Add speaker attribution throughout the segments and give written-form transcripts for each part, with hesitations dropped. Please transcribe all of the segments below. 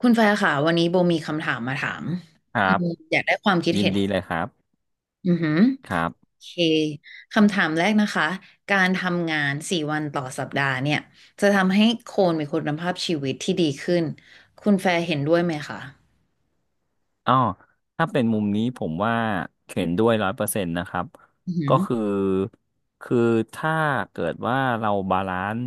Speaker 1: คุณแฟร์ค่ะวันนี้โบมีคำถามมาถาม
Speaker 2: ค
Speaker 1: อื
Speaker 2: รับ
Speaker 1: มอยากได้ความคิด
Speaker 2: ยิน
Speaker 1: เห็น
Speaker 2: ดีเลยครับ
Speaker 1: อือหือ
Speaker 2: ครับ
Speaker 1: โอเคคำถามแรกนะคะการทำงานสี่วันต่อสัปดาห์เนี่ยจะทำให้คนมีคุณภาพชีวิตที่ดีขึ้นคุณแฟร์เห็นด้วยไหมคะ
Speaker 2: อ๋อถ้าเป็นมุมนี้ผมว่าเห็นด้วยร้อยเปอร์เซ็นต์นะครับ
Speaker 1: อือหื
Speaker 2: ก็
Speaker 1: อ
Speaker 2: คือคือถ้าเกิดว่าเราบาลานซ์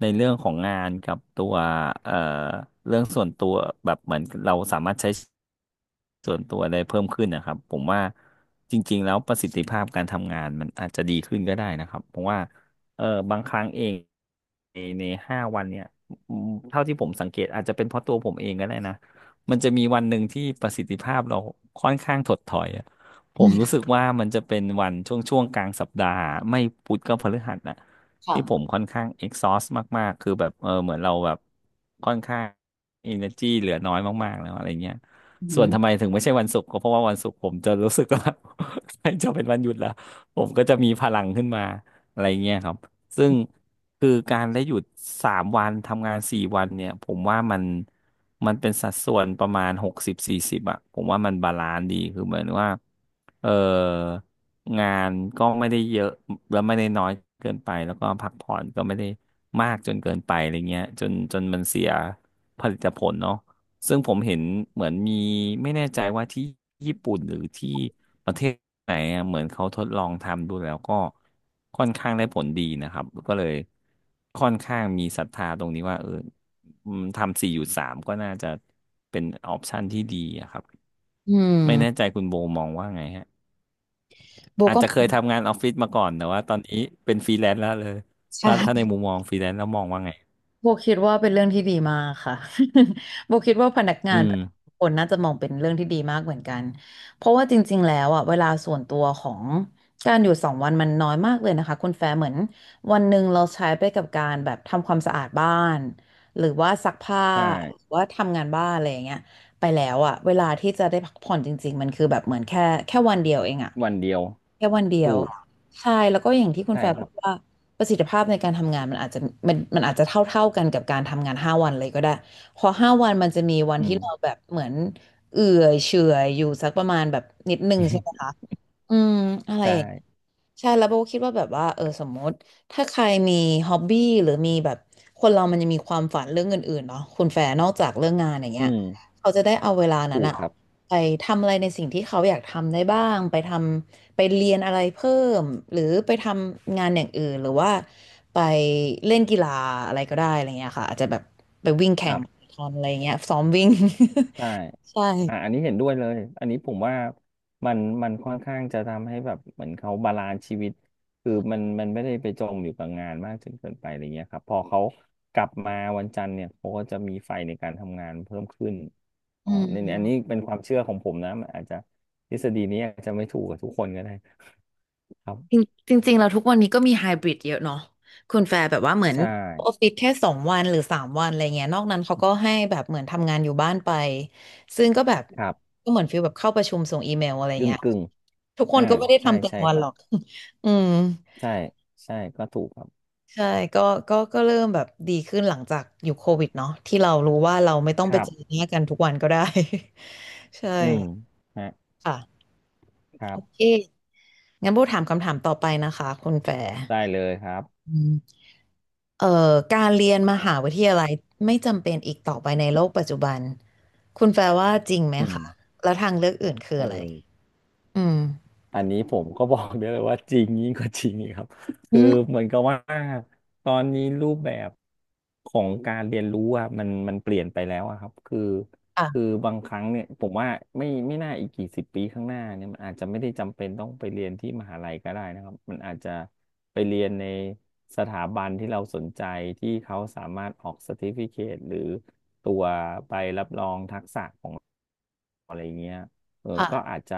Speaker 2: ในเรื่องของงานกับตัวเอ่อเรื่องส่วนตัวแบบเหมือนเราสามารถใช้ส่วนตัวได้เพิ่มขึ้นนะครับผมว่าจริงๆแล้วประสิทธิภาพการทำงานมันอาจจะดีขึ้นก็ได้นะครับเพราะว่าเออบางครั้งเองในห้าวันเนี่ยเท่าที่ผมสังเกตอาจจะเป็นเพราะตัวผมเองก็ได้นะ มันจะมีวันหนึ่งที่ประสิทธิภาพเราค่อนข้างถดถอยอะผมรู้สึกว่ามันจะเป็นวันช่วงกลางสัปดาห์ไม่พุธก็พฤหัสนะที่ผม
Speaker 1: ค่ะ
Speaker 2: ค่อนข้าง exhaust มากๆคือแบบเหมือนเราแบบค่อนข้าง energy เหลือน้อยมากๆแล้วอะไรเงี้ย
Speaker 1: อือ
Speaker 2: ส่
Speaker 1: หื
Speaker 2: วน
Speaker 1: อ
Speaker 2: ทำไมถึงไม่ใช่วันศุกร์ก็เพราะว่าวันศุกร์ผมจะรู้สึกว่า ใกล้จะเป็นวันหยุดแล้วผมก็จะมีพลังขึ้นมาอะไรเงี้ยครับซึ่งคือการได้หยุดสามวันทำงานสี่วันเนี่ยผมว่ามัน มันเป็นสัดส่วนประมาณหกสิบสี่สิบอ่ะผมว่ามันบาลานซ์ดีคือเหมือนว่าเอองานก็ไม่ได้เยอะแล้วไม่ได้น้อยเกินไปแล้วก็พักผ่อนก็ไม่ได้มากจนเกินไปอะไรเงี้ยจนมันเสียผลิตผลเนาะซึ่งผมเห็นเหมือนมีไม่แน่ใจว่าที่ญี่ปุ่นหรือที่ประเทศไหนอะเหมือนเขาทดลองทำดูแล้วก็ค่อนข้างได้ผลดีนะครับก็เลยค่อนข้างมีศรัทธาตรงนี้ว่าเออ อืมทำสี่หยุดสามก็น่าจะเป็นออปชันที่ดีอะครับ
Speaker 1: อื
Speaker 2: ไม่แน่
Speaker 1: ม
Speaker 2: ใจคุณโบมองว่าไงฮะ
Speaker 1: โบ
Speaker 2: อาจ
Speaker 1: ก็
Speaker 2: จะเคยทำงานออฟฟิศมาก่อนแต่ว่าตอนนี้เป็นฟรีแลนซ์แล้วเลยถ้าใน
Speaker 1: ใช่
Speaker 2: มุมมองฟรีแลนซ์แล้วมองว่าไง
Speaker 1: โบคิดว่าเป็นเรื่องที่ดีมากค่ะ โบคิดว่าพนักงา
Speaker 2: อื
Speaker 1: นท
Speaker 2: ม
Speaker 1: ุกคนน่าจะมองเป็นเรื่องที่ดีมากเหมือนกัน เพราะว่าจริงๆแล้วอ่ะเวลาส่วนตัวของการอยู่สองวันมันน้อยมากเลยนะคะคุณแฟร์เหมือนวันหนึ่งเราใช้ไปกับการแบบทำความสะอาดบ้านหรือว่าซักผ้า
Speaker 2: ใช่
Speaker 1: หรือว่าทำงานบ้านอะไรอย่างเงี้ยไปแล้วอ่ะเวลาที่จะได้พักผ่อนจริงๆมันคือแบบเหมือนแค่วันเดียวเองอ่ะ
Speaker 2: วันเดียว
Speaker 1: แค่วันเดียว
Speaker 2: ถูก
Speaker 1: ใช่แล้วก็อย่างที่คุณ
Speaker 2: ใช่
Speaker 1: แฟร์
Speaker 2: ค
Speaker 1: พู
Speaker 2: รับ
Speaker 1: ดว่า ประสิทธิภาพในการทำงานมันอาจจะมันมันอาจจะเท่ากันกับการทำงานห้าวันเลยก็ได้พอห้าวันมันจะมีวัน
Speaker 2: อื
Speaker 1: ที่
Speaker 2: ม
Speaker 1: เราแบบเหมือนเอื่อยเฉื่อยอยู่สักประมาณแบบนิดนึงใช่ไหม คะอืมอะไร
Speaker 2: ใช
Speaker 1: อย่าง
Speaker 2: ่
Speaker 1: ใช่แล้วโบก็คิดว่าแบบว่าเออสมมติถ้าใครมีฮ็อบบี้หรือมีแบบคนเรามันจะมีความฝันเรื่องอื่นๆเนาะคุณแฟร์นอกจากเรื่องงานอย่าง
Speaker 2: อื
Speaker 1: เงี้ย
Speaker 2: ม
Speaker 1: เขาจะได้เอาเวลานั้น
Speaker 2: ถูก
Speaker 1: อะ
Speaker 2: ครับ
Speaker 1: ไปทำอะไรในสิ่งที่เขาอยากทำได้บ้างไปทำไปเรียนอะไรเพิ่มหรือไปทำงานอย่างอื่นหรือว่าไปเล่นกีฬาอะไรก็ได้อะไรเงี้ยค่ะอาจจะแบบไปวิ่ง
Speaker 2: ค
Speaker 1: แข่ง
Speaker 2: รั
Speaker 1: มา
Speaker 2: บ
Speaker 1: ราธอนอะไรเงี้ยซ้อมวิ่ง
Speaker 2: ใช่
Speaker 1: ใช่
Speaker 2: อ่ะอันนี้เห็นด้วยเลยอันนี้ผมว่ามันค่อนข้างจะทำให้แบบเหมือนเขาบาลานซ์ชีวิตคือมันไม่ได้ไปจมอยู่กับงานมากจนเกินไปอะไรเงี้ยครับพอเขากลับมาวันจันทร์เนี่ยเขาก็จะมีไฟในการทำงานเพิ่มขึ้นอ๋
Speaker 1: อื
Speaker 2: อในอันนี้
Speaker 1: ม
Speaker 2: เป็นความเชื่อของผมนะมันอาจจะทฤษฎีนี้อาจจะไม่ถูกกับทุกคนก็ได้ครับ
Speaker 1: จริงจริงๆเราทุกวันนี้ก็มีไฮบริดเยอะเนาะคุณแฟร์แบบว่าเหมือน
Speaker 2: ใช่
Speaker 1: ออฟฟิศแค่สองวันหรือสามวันอะไรเงี้ยนอกนั้นเขาก็ให้แบบเหมือนทำงานอยู่บ้านไปซึ่งก็แบบ
Speaker 2: ครับ
Speaker 1: ก็เหมือนฟีลแบบเข้าประชุมส่งอีเมลอะไร
Speaker 2: กึ่ง
Speaker 1: เงี้ย
Speaker 2: กึ่ง
Speaker 1: ทุกคน
Speaker 2: อ่า
Speaker 1: ก็ไม่ได้
Speaker 2: ใช่
Speaker 1: ทำเต็ม
Speaker 2: ใช่
Speaker 1: วัน
Speaker 2: ค
Speaker 1: ห
Speaker 2: รั
Speaker 1: ร
Speaker 2: บ
Speaker 1: อก อืม
Speaker 2: ใช่ใช่ก็ถูกครับ
Speaker 1: ใช่ก็เริ่มแบบดีขึ้นหลังจากอยู่โควิดเนาะที่เรารู้ว่าเราไม่ต้อง
Speaker 2: ค
Speaker 1: ไป
Speaker 2: รั
Speaker 1: เจ
Speaker 2: บ
Speaker 1: อหน้ากันทุกวันก็ได้ ใช่
Speaker 2: อืมฮะ
Speaker 1: ค่ะ
Speaker 2: ครั
Speaker 1: โอเค
Speaker 2: บ
Speaker 1: งั้นโบถามคำถามต่อไปนะคะคุณแฟร์
Speaker 2: ได้เลยครับ
Speaker 1: อืมเอ่อการเรียนมหาวิทยาลัยไม่จำเป็นอีกต่อไปในโลกปัจจุบันคุณแฟร์ว่าจริงไหม
Speaker 2: อืม
Speaker 1: คะแล้วทางเลือกอื่นคือ
Speaker 2: โอ้
Speaker 1: อะไรอืม
Speaker 2: อันนี้ผมก็บอกได้เลยว่าจริงยิ่งกว่าจริงอีกครับ
Speaker 1: อื
Speaker 2: คือ
Speaker 1: ม
Speaker 2: เหมือนกับว่าตอนนี้รูปแบบของการเรียนรู้อะมันมันเปลี่ยนไปแล้วอะครับคือคือ
Speaker 1: ค่ะ
Speaker 2: บางครั้งเนี่ยผมว่าไม่น่าอีกกี่สิบปีข้างหน้าเนี่ยมันอาจจะไม่ได้จำเป็นต้องไปเรียนที่มหาลัยก็ได้นะครับมันอาจจะไปเรียนในสถาบันที่เราสนใจที่เขาสามารถออก c e r t i f i c a t e หรือตัวใบรับรองทักษะของ อะไรเงี้ยก็
Speaker 1: ค่ะ
Speaker 2: อาจจะ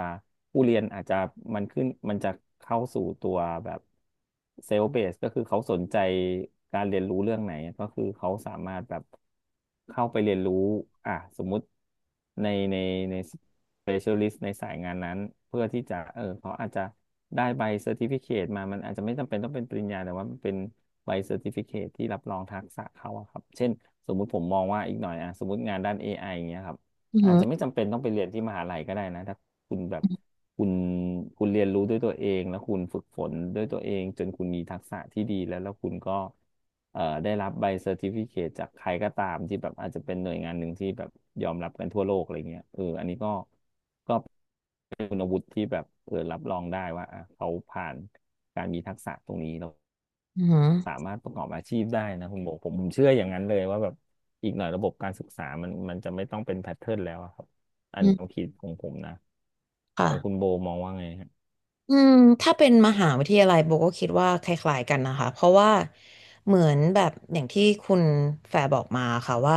Speaker 2: ผู้เรียนอาจจะมันขึ้นมันจะเข้าสู่ตัวแบบเซล f ์เบสก็คือเขาสนใจการเรียนรู้เรื่องไหนก็คือเขาสามารถแบบเข้าไปเรียนรู้อ่ะสมมุติในในใน specialist ในสายงานนั้นเพื่อที่จะเขาอาจจะได้ใบเซอร์ติฟิเคตมามันอาจจะไม่จำเป็นต้องเป็นปริญญาแต่ว่ามันเป็นใบเซอร์ติฟิเคตที่รับรองทักษะเขาอะครับเช่นสมมุติผมมองว่าอีกหน่อยอะสมมติงานด้าน AI อไออย่างเงี้ยครับ
Speaker 1: อื
Speaker 2: อาจจะไม่
Speaker 1: ม
Speaker 2: จำเป็นต้องไปเรียนที่มหาลัยก็ได้นะถ้าคุณแบบคุณคุณเรียนรู้ด้วยตัวเองแล้วคุณฝึกฝนด้วยตัวเองจนคุณมีทักษะที่ดีแล้วแล้วคุณก็ได้รับใบเซอร์ติฟิเคตจากใครก็ตามที่แบบอาจจะเป็นหน่วยงานหนึ่งที่แบบยอมรับกันทั่วโลกอะไรเงี้ยอันนี้ก็ก็ คุณวุฒิที่แบบรับรองได้ว่าอ่ะเขาผ่านการมีทักษะตรงนี้แล้ว
Speaker 1: อหืม
Speaker 2: สามารถประกอบอาชีพได้นะคุณโบผมเชื่ออย่างนั้นเลยว่าแบบอีกหน่อยระบบการศึกษามันจะไม่ต้องเป็นแพทเทิร์นแล้วอะครับอั
Speaker 1: อ
Speaker 2: น
Speaker 1: อือหื
Speaker 2: นี้
Speaker 1: อ
Speaker 2: ควา
Speaker 1: อื
Speaker 2: ม
Speaker 1: ม
Speaker 2: คิดของผมนะ
Speaker 1: ค่ะ
Speaker 2: ของคุณโบมองว่าไงฮะ
Speaker 1: อืมถ้าเป็นมหาวิทยาลัยโบก็คิดว่าคล้ายๆกันนะคะเพราะว่าเหมือนแบบอย่างที่คุณแฟร์บอกมาค่ะว่า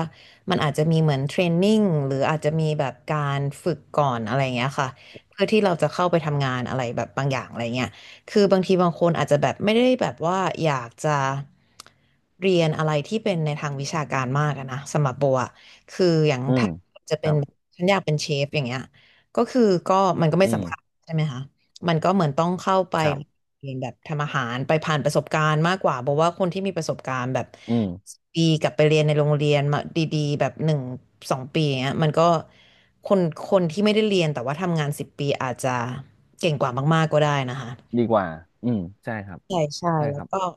Speaker 1: มันอาจจะมีเหมือนเทรนนิ่งหรืออาจจะมีแบบการฝึกก่อนอะไรอย่างเงี้ยค่ะเพื่อที่เราจะเข้าไปทำงานอะไรแบบบางอย่างอะไรเงี้ยคือบางทีบางคนอาจจะแบบไม่ได้แบบว่าอยากจะเรียนอะไรที่เป็นในทางวิชาการมากอะนะสำหรับโบอะคืออย่าง
Speaker 2: อืม
Speaker 1: ถ้าจะ
Speaker 2: ค
Speaker 1: เป็
Speaker 2: รั
Speaker 1: น
Speaker 2: บ
Speaker 1: ฉันอยากเป็นเชฟอย่างเงี้ยก็คือก็มันก็ไม่
Speaker 2: อืม
Speaker 1: สำคัญใช่ไหมคะ มันก็เหมือนต้องเข้าไป
Speaker 2: ครับ
Speaker 1: เรียนแบบทำอาหารไปผ่านประสบการณ์มากกว่าเพราะว่าคนที่มีประสบการณ์แบบ
Speaker 2: อืม
Speaker 1: ปีกลับไปเรียนในโรงเรียนมาดีๆแบบหนึ่งสองปีอย่างเงี้ยมันก็คนคนที่ไม่ได้เรียนแต่ว่าทำงานสิบปีอาจจะเก่งกว่ามากๆก็ได้นะคะ
Speaker 2: ดีกว่าอืมใช่ครับ
Speaker 1: ใช่ใช่
Speaker 2: ใช่
Speaker 1: แล้
Speaker 2: ค
Speaker 1: ว
Speaker 2: รั
Speaker 1: ก็
Speaker 2: บ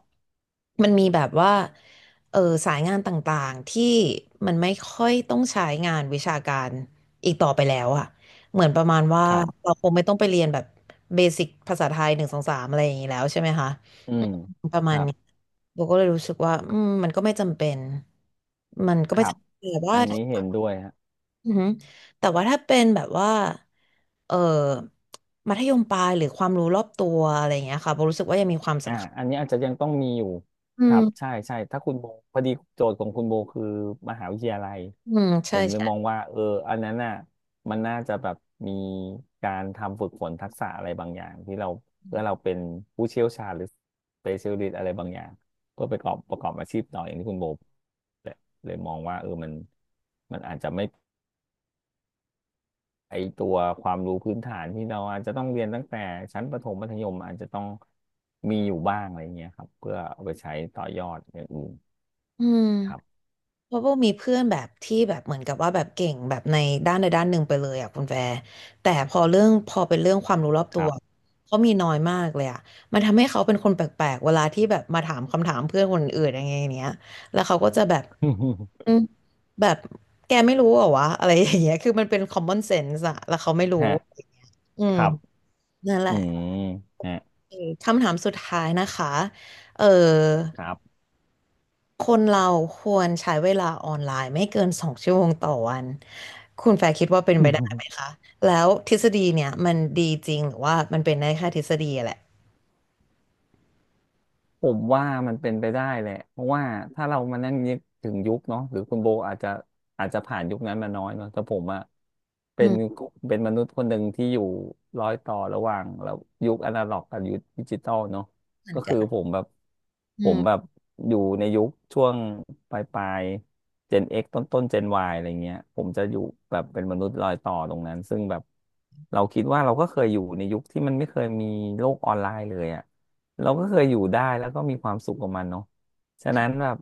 Speaker 1: มันมีแบบว่าเออสายงานต่างๆที่มันไม่ค่อยต้องใช้งานวิชาการอีกต่อไปแล้วอะเหมือนประมาณว่า
Speaker 2: ครับ
Speaker 1: เราคงไม่ต้องไปเรียนแบบเบสิกภาษาไทยหนึ่งสองสามอะไรอย่างนี้แล้วใช่ไหมคะ
Speaker 2: อื
Speaker 1: อืม
Speaker 2: ม
Speaker 1: ประ
Speaker 2: ค
Speaker 1: มาณ
Speaker 2: รับ
Speaker 1: นี้โบก็เลยรู้สึกว่าอืมมันก็ไม่จำเป็นมันก็
Speaker 2: ค
Speaker 1: ไม่
Speaker 2: รับ
Speaker 1: จำเป็นแต่ว่า
Speaker 2: อันนี้เห็นด้วยฮะ
Speaker 1: อือหือแต่ว่าถ้าเป็นแบบว่าเออมัธยมปลายหรือความรู้รอบตัวอะไรอย่างเงี้ยค่ะโบรู้สึกว่ายังมีความสำคัญ
Speaker 2: อันนี้อาจจะยังต้องมีอยู่
Speaker 1: อื
Speaker 2: ครับ
Speaker 1: ม
Speaker 2: ใช่ใช่ถ้าคุณโบพอดีโจทย์ของคุณโบคือมหาวิทยาลัย
Speaker 1: อืม
Speaker 2: ผ
Speaker 1: ใช่
Speaker 2: มเลยมอง
Speaker 1: ใช่
Speaker 2: ว่าอันนั้นน่ะมันน่าจะแบบมีการทำฝึกฝนทักษะอะไรบางอย่างที่เราเพื่อเราเป็นผู้เชี่ยวชาญหรือ specialist อะไรบางอย่างเพื่อไปประกอบอาชีพต่ออย่างที่คุณโบเลยเลยมองว่ามันอาจจะไม่ ไอตัวความรู้พื้นฐานที่เราอาจจะต้องเรียนตั้งแต่ชั้นประถมมัธยมอาจจะต้องมีอยู่บ้างอะไรเงี้ยครับเพื่อเอาไปใช้ต่อยอดอย่างอื่น
Speaker 1: อืม
Speaker 2: ครับ
Speaker 1: เพราะว่ามีเพื่อนแบบที่แบบเหมือนกับว่าแบบเก่งแบบในด้านใดด้านหนึ่งไปเลยอ่ะคุณแฟร์แต่พอเป็นเรื่องความรู้รอบ
Speaker 2: ค
Speaker 1: ตั
Speaker 2: รั
Speaker 1: ว
Speaker 2: บ
Speaker 1: เขามีน้อยมากเลยอ่ะมันทำให้เขาเป็นคนแปลกๆเวลาที่แบบมาถามคำถามเพื่อนคนอื่นอย่างเงี้ยอย่างเงี้ยแล้วเขาก็จะแบบอื มแบบแกไม่รู้เหรอวะอะไรอย่างเงี้ยคือมันเป็น common sense อะแล้วเขาไม่รู้
Speaker 2: ฮะ
Speaker 1: อื
Speaker 2: ค
Speaker 1: ม
Speaker 2: รับ
Speaker 1: นั่นแห
Speaker 2: อื
Speaker 1: ละ
Speaker 2: มฮะ
Speaker 1: โอเคคำถามสุดท้ายนะคะเออ
Speaker 2: ครับ
Speaker 1: คนเราควรใช้เวลาออนไลน์ไม่เกินสองชั่วโมงต่อวัน คุณแฟร์คิดว่าเป็นไปได้ไหมคะ แล้วทฤษฎีเนี่ยมันดีจริงหรือว่ามันเป็นได้แค่ทฤษฎีอะแหละ
Speaker 2: ผมว่ามันเป็นไปได้แหละเพราะว่าถ้าเรามานั่งนึกถึงยุคเนาะหรือคุณโบอาจจะผ่านยุคนั้นมาน้อยเนาะแต่ผมอะ
Speaker 1: อื
Speaker 2: เป็น
Speaker 1: ม
Speaker 2: เป็นมนุษย์คนหนึ่งที่อยู่ร้อยต่อระหว่างแล้วยุคอนาล็อกกับยุคดิจิตอลเนาะ
Speaker 1: เหมือน
Speaker 2: ก็
Speaker 1: กั
Speaker 2: คื
Speaker 1: น
Speaker 2: อ
Speaker 1: อื
Speaker 2: ผมแบ
Speaker 1: ม
Speaker 2: บอยู่ในยุคช่วงปลายปลายเจน X ต้นต้นเจน Y อะไรเงี้ยผมจะอยู่แบบเป็นมนุษย์รอยต่อตรงนั้นซึ่งแบบเราคิดว่าเราก็เคยอยู่ในยุคที่มันไม่เคยมีโลกออนไลน์เลยอะ เราก็เคยอยู่ได้แล้วก็มีความสุขกับมันเนาะฉะนั้นแบบ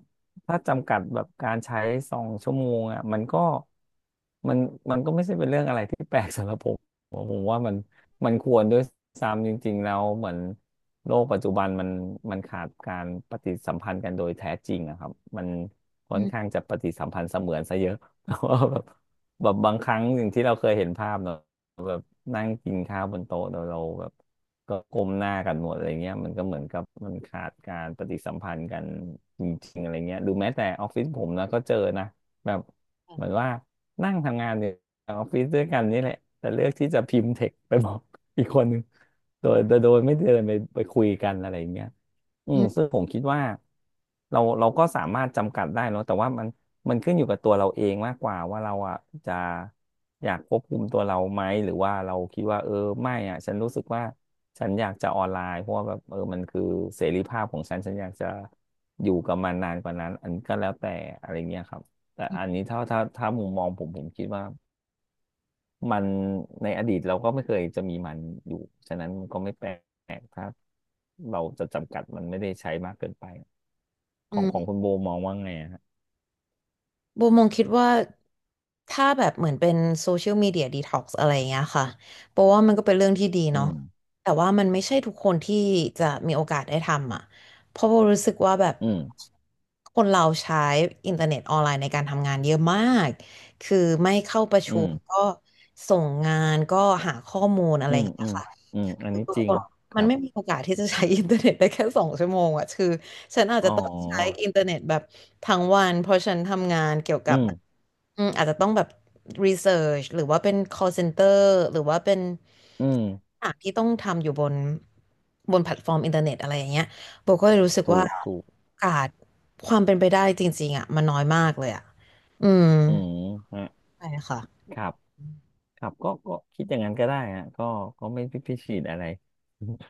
Speaker 2: ถ้าจำกัดแบบการใช้2 ชั่วโมงอ่ะมันก็มันมันก็ไม่ใช่เป็นเรื่องอะไรที่แปลกสำหรับผมผมว่ามันควรด้วยซ้ำจริงๆแล้วเหมือนโลกปัจจุบันมันขาดการปฏิสัมพันธ์กันโดยแท้จริงอะครับมัน
Speaker 1: อื
Speaker 2: ค่อนข้า
Speaker 1: ม
Speaker 2: งจะปฏิสัมพันธ์เสมือนซะเยอะ เพราะว่าแบบบางครั้งสิ่งที่เราเคยเห็นภาพเนาะ นั่งกินข้าวบนโต๊ะโดเราแบบก็ก้มหน้ากันหมดอะไรเงี้ยมันก็เหมือนกับมันขาดการปฏิสัมพันธ์กันจริงๆอะไรเงี้ยดูแม้แต่ออฟฟิศผมนะก็เจอนะแบบเหมือนว่านั่งทำงานอยู่ในออฟฟิศด้วยกันนี่แหละแต่เลือกที่จะพิมพ์เท็กไปบอก อีกคนหนึ่งโดยไม่เดินไปคุยกันอะไรเงี้ยอื
Speaker 1: อื
Speaker 2: มซึ่
Speaker 1: ม
Speaker 2: งผมคิดว่าเราก็สามารถจำกัดได้เนอะแต่ว่ามัน มันขึ้นอยู่กับตัวเราเองมากกว่าว่าเราอ่ะจะอยากควบคุมตัวเราไหมหรือว่าเราคิดว่าไม่อ่ะฉันรู้สึกว่าฉันอยากจะออนไลน์เพราะว่าแบบมันคือเสรีภาพของฉันฉันอยากจะอยู่กับมันนานกว่านั้นอันก็แล้วแต่อะไรเงี้ยครับแต่อันนี้ถ้ามุมมองผมผมคิดว่ามันในอดีตเราก็ไม่เคยจะมีมันอยู่ฉะนั้นมันก็ไม่แปลกถ้าเราจะจำกัดมันไม่ได้ใช้มากเกินไป
Speaker 1: อื
Speaker 2: ของคุ
Speaker 1: ม
Speaker 2: ณโบมองว่าไงอะฮะ
Speaker 1: โบมองคิดว่าถ้าแบบเหมือนเป็นโซเชียลมีเดียดีท็อกซ์อะไรอย่างเงี้ยค่ะเพราะว่ามันก็เป็นเรื่องที่ดี
Speaker 2: อื
Speaker 1: เนาะ
Speaker 2: ม
Speaker 1: แต่ว่ามันไม่ใช่ทุกคนที่จะมีโอกาสได้ทำอ่ะเพราะโบรู้สึกว่าแบบ
Speaker 2: อืม
Speaker 1: คนเราใช้อินเทอร์เน็ตออนไลน์ในการทำงานเยอะมากคือไม่เข้าประ
Speaker 2: อื
Speaker 1: ชุ
Speaker 2: ม
Speaker 1: มก็ส่งงานก็หาข้อมูลอะไร
Speaker 2: อื
Speaker 1: อ
Speaker 2: ม
Speaker 1: ย่างเงี้
Speaker 2: อื
Speaker 1: ย
Speaker 2: ม
Speaker 1: ค่ะ
Speaker 2: อืมอัน
Speaker 1: คือ
Speaker 2: นี้
Speaker 1: ทุก
Speaker 2: จริ
Speaker 1: ค
Speaker 2: ง
Speaker 1: น
Speaker 2: ค
Speaker 1: มัน
Speaker 2: รับ
Speaker 1: ไม่มีโอกาสที่จะใช้อินเทอร์เน็ตได้แค่สองชั่วโมงอ่ะคือฉันอาจ
Speaker 2: อ๋
Speaker 1: จะ
Speaker 2: อ
Speaker 1: ต้องใช้อินเทอร์เน็ตแบบทั้งวันเพราะฉันทำงานเกี่ยวกั
Speaker 2: อื
Speaker 1: บ
Speaker 2: ม
Speaker 1: แบบอืมอาจจะต้องแบบรีเสิร์ชหรือว่าเป็น call center หรือว่าเป็น
Speaker 2: อืม
Speaker 1: อ่านที่ต้องทำอยู่บนแพลตฟอร์มอินเทอร์เน็ตอะไรอย่างเงี้ยโบก็เลยรู้สึก
Speaker 2: ถู
Speaker 1: ว่า
Speaker 2: กถูก
Speaker 1: โอกาสความเป็นไปได้จริงๆอะมันน้อยมากเลยอะอืม
Speaker 2: อืมฮะ
Speaker 1: ใช่ค่ะ
Speaker 2: ครับครับก็คิดอย่างนั้นก็ได้ฮะก็ก็ไม่พิพิตีดอะไร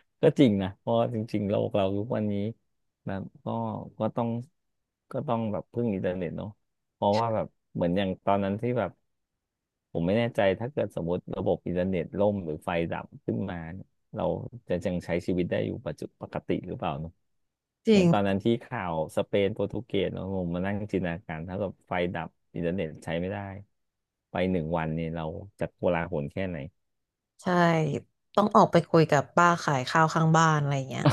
Speaker 2: ก็จริงนะเพราะจริงๆโลกเราทุกวันนี้แบบก็ก็ต้องก็ต้องแบบพึ่งอินเทอร์เน็ตเนาะเพราะว่าแบบเหมือนอย่างตอนนั้นที่แบบผมไม่แน่ใจถ้าเกิดสมมติระบบอินเทอร์เน็ตล่มหรือไฟดับขึ้นมา เราจะยังใช้ชีวิตได้อยู่ปัจจุปกติหรือเปล่าเนอะ
Speaker 1: จ
Speaker 2: เห
Speaker 1: ริ
Speaker 2: มือ
Speaker 1: ง
Speaker 2: นตอนนั้นที่ข่าวสเปนโปรตุเกสเนาะผมมานั่งจินตนาการถ้าเกบบไฟดับอินเทอร์เน็ตใช้ไม่ได้ไปหนึ่งวันเนี่ยเราจะโกลาหลแค่ไหน
Speaker 1: ใช่ต้องออกไปคุยกับป้าขายข้าวข้างบ้านอะไรอย่างเงี้ย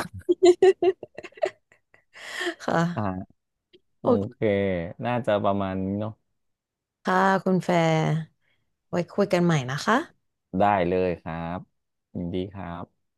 Speaker 1: ค่ะ
Speaker 2: อ่าโอ
Speaker 1: โอ
Speaker 2: เค
Speaker 1: เค
Speaker 2: น่าจะประมาณนี้เนาะ
Speaker 1: ค่ะคุณแฟร์ไว้คุยกันใหม่นะคะ
Speaker 2: ได้เลยครับยินดีครับ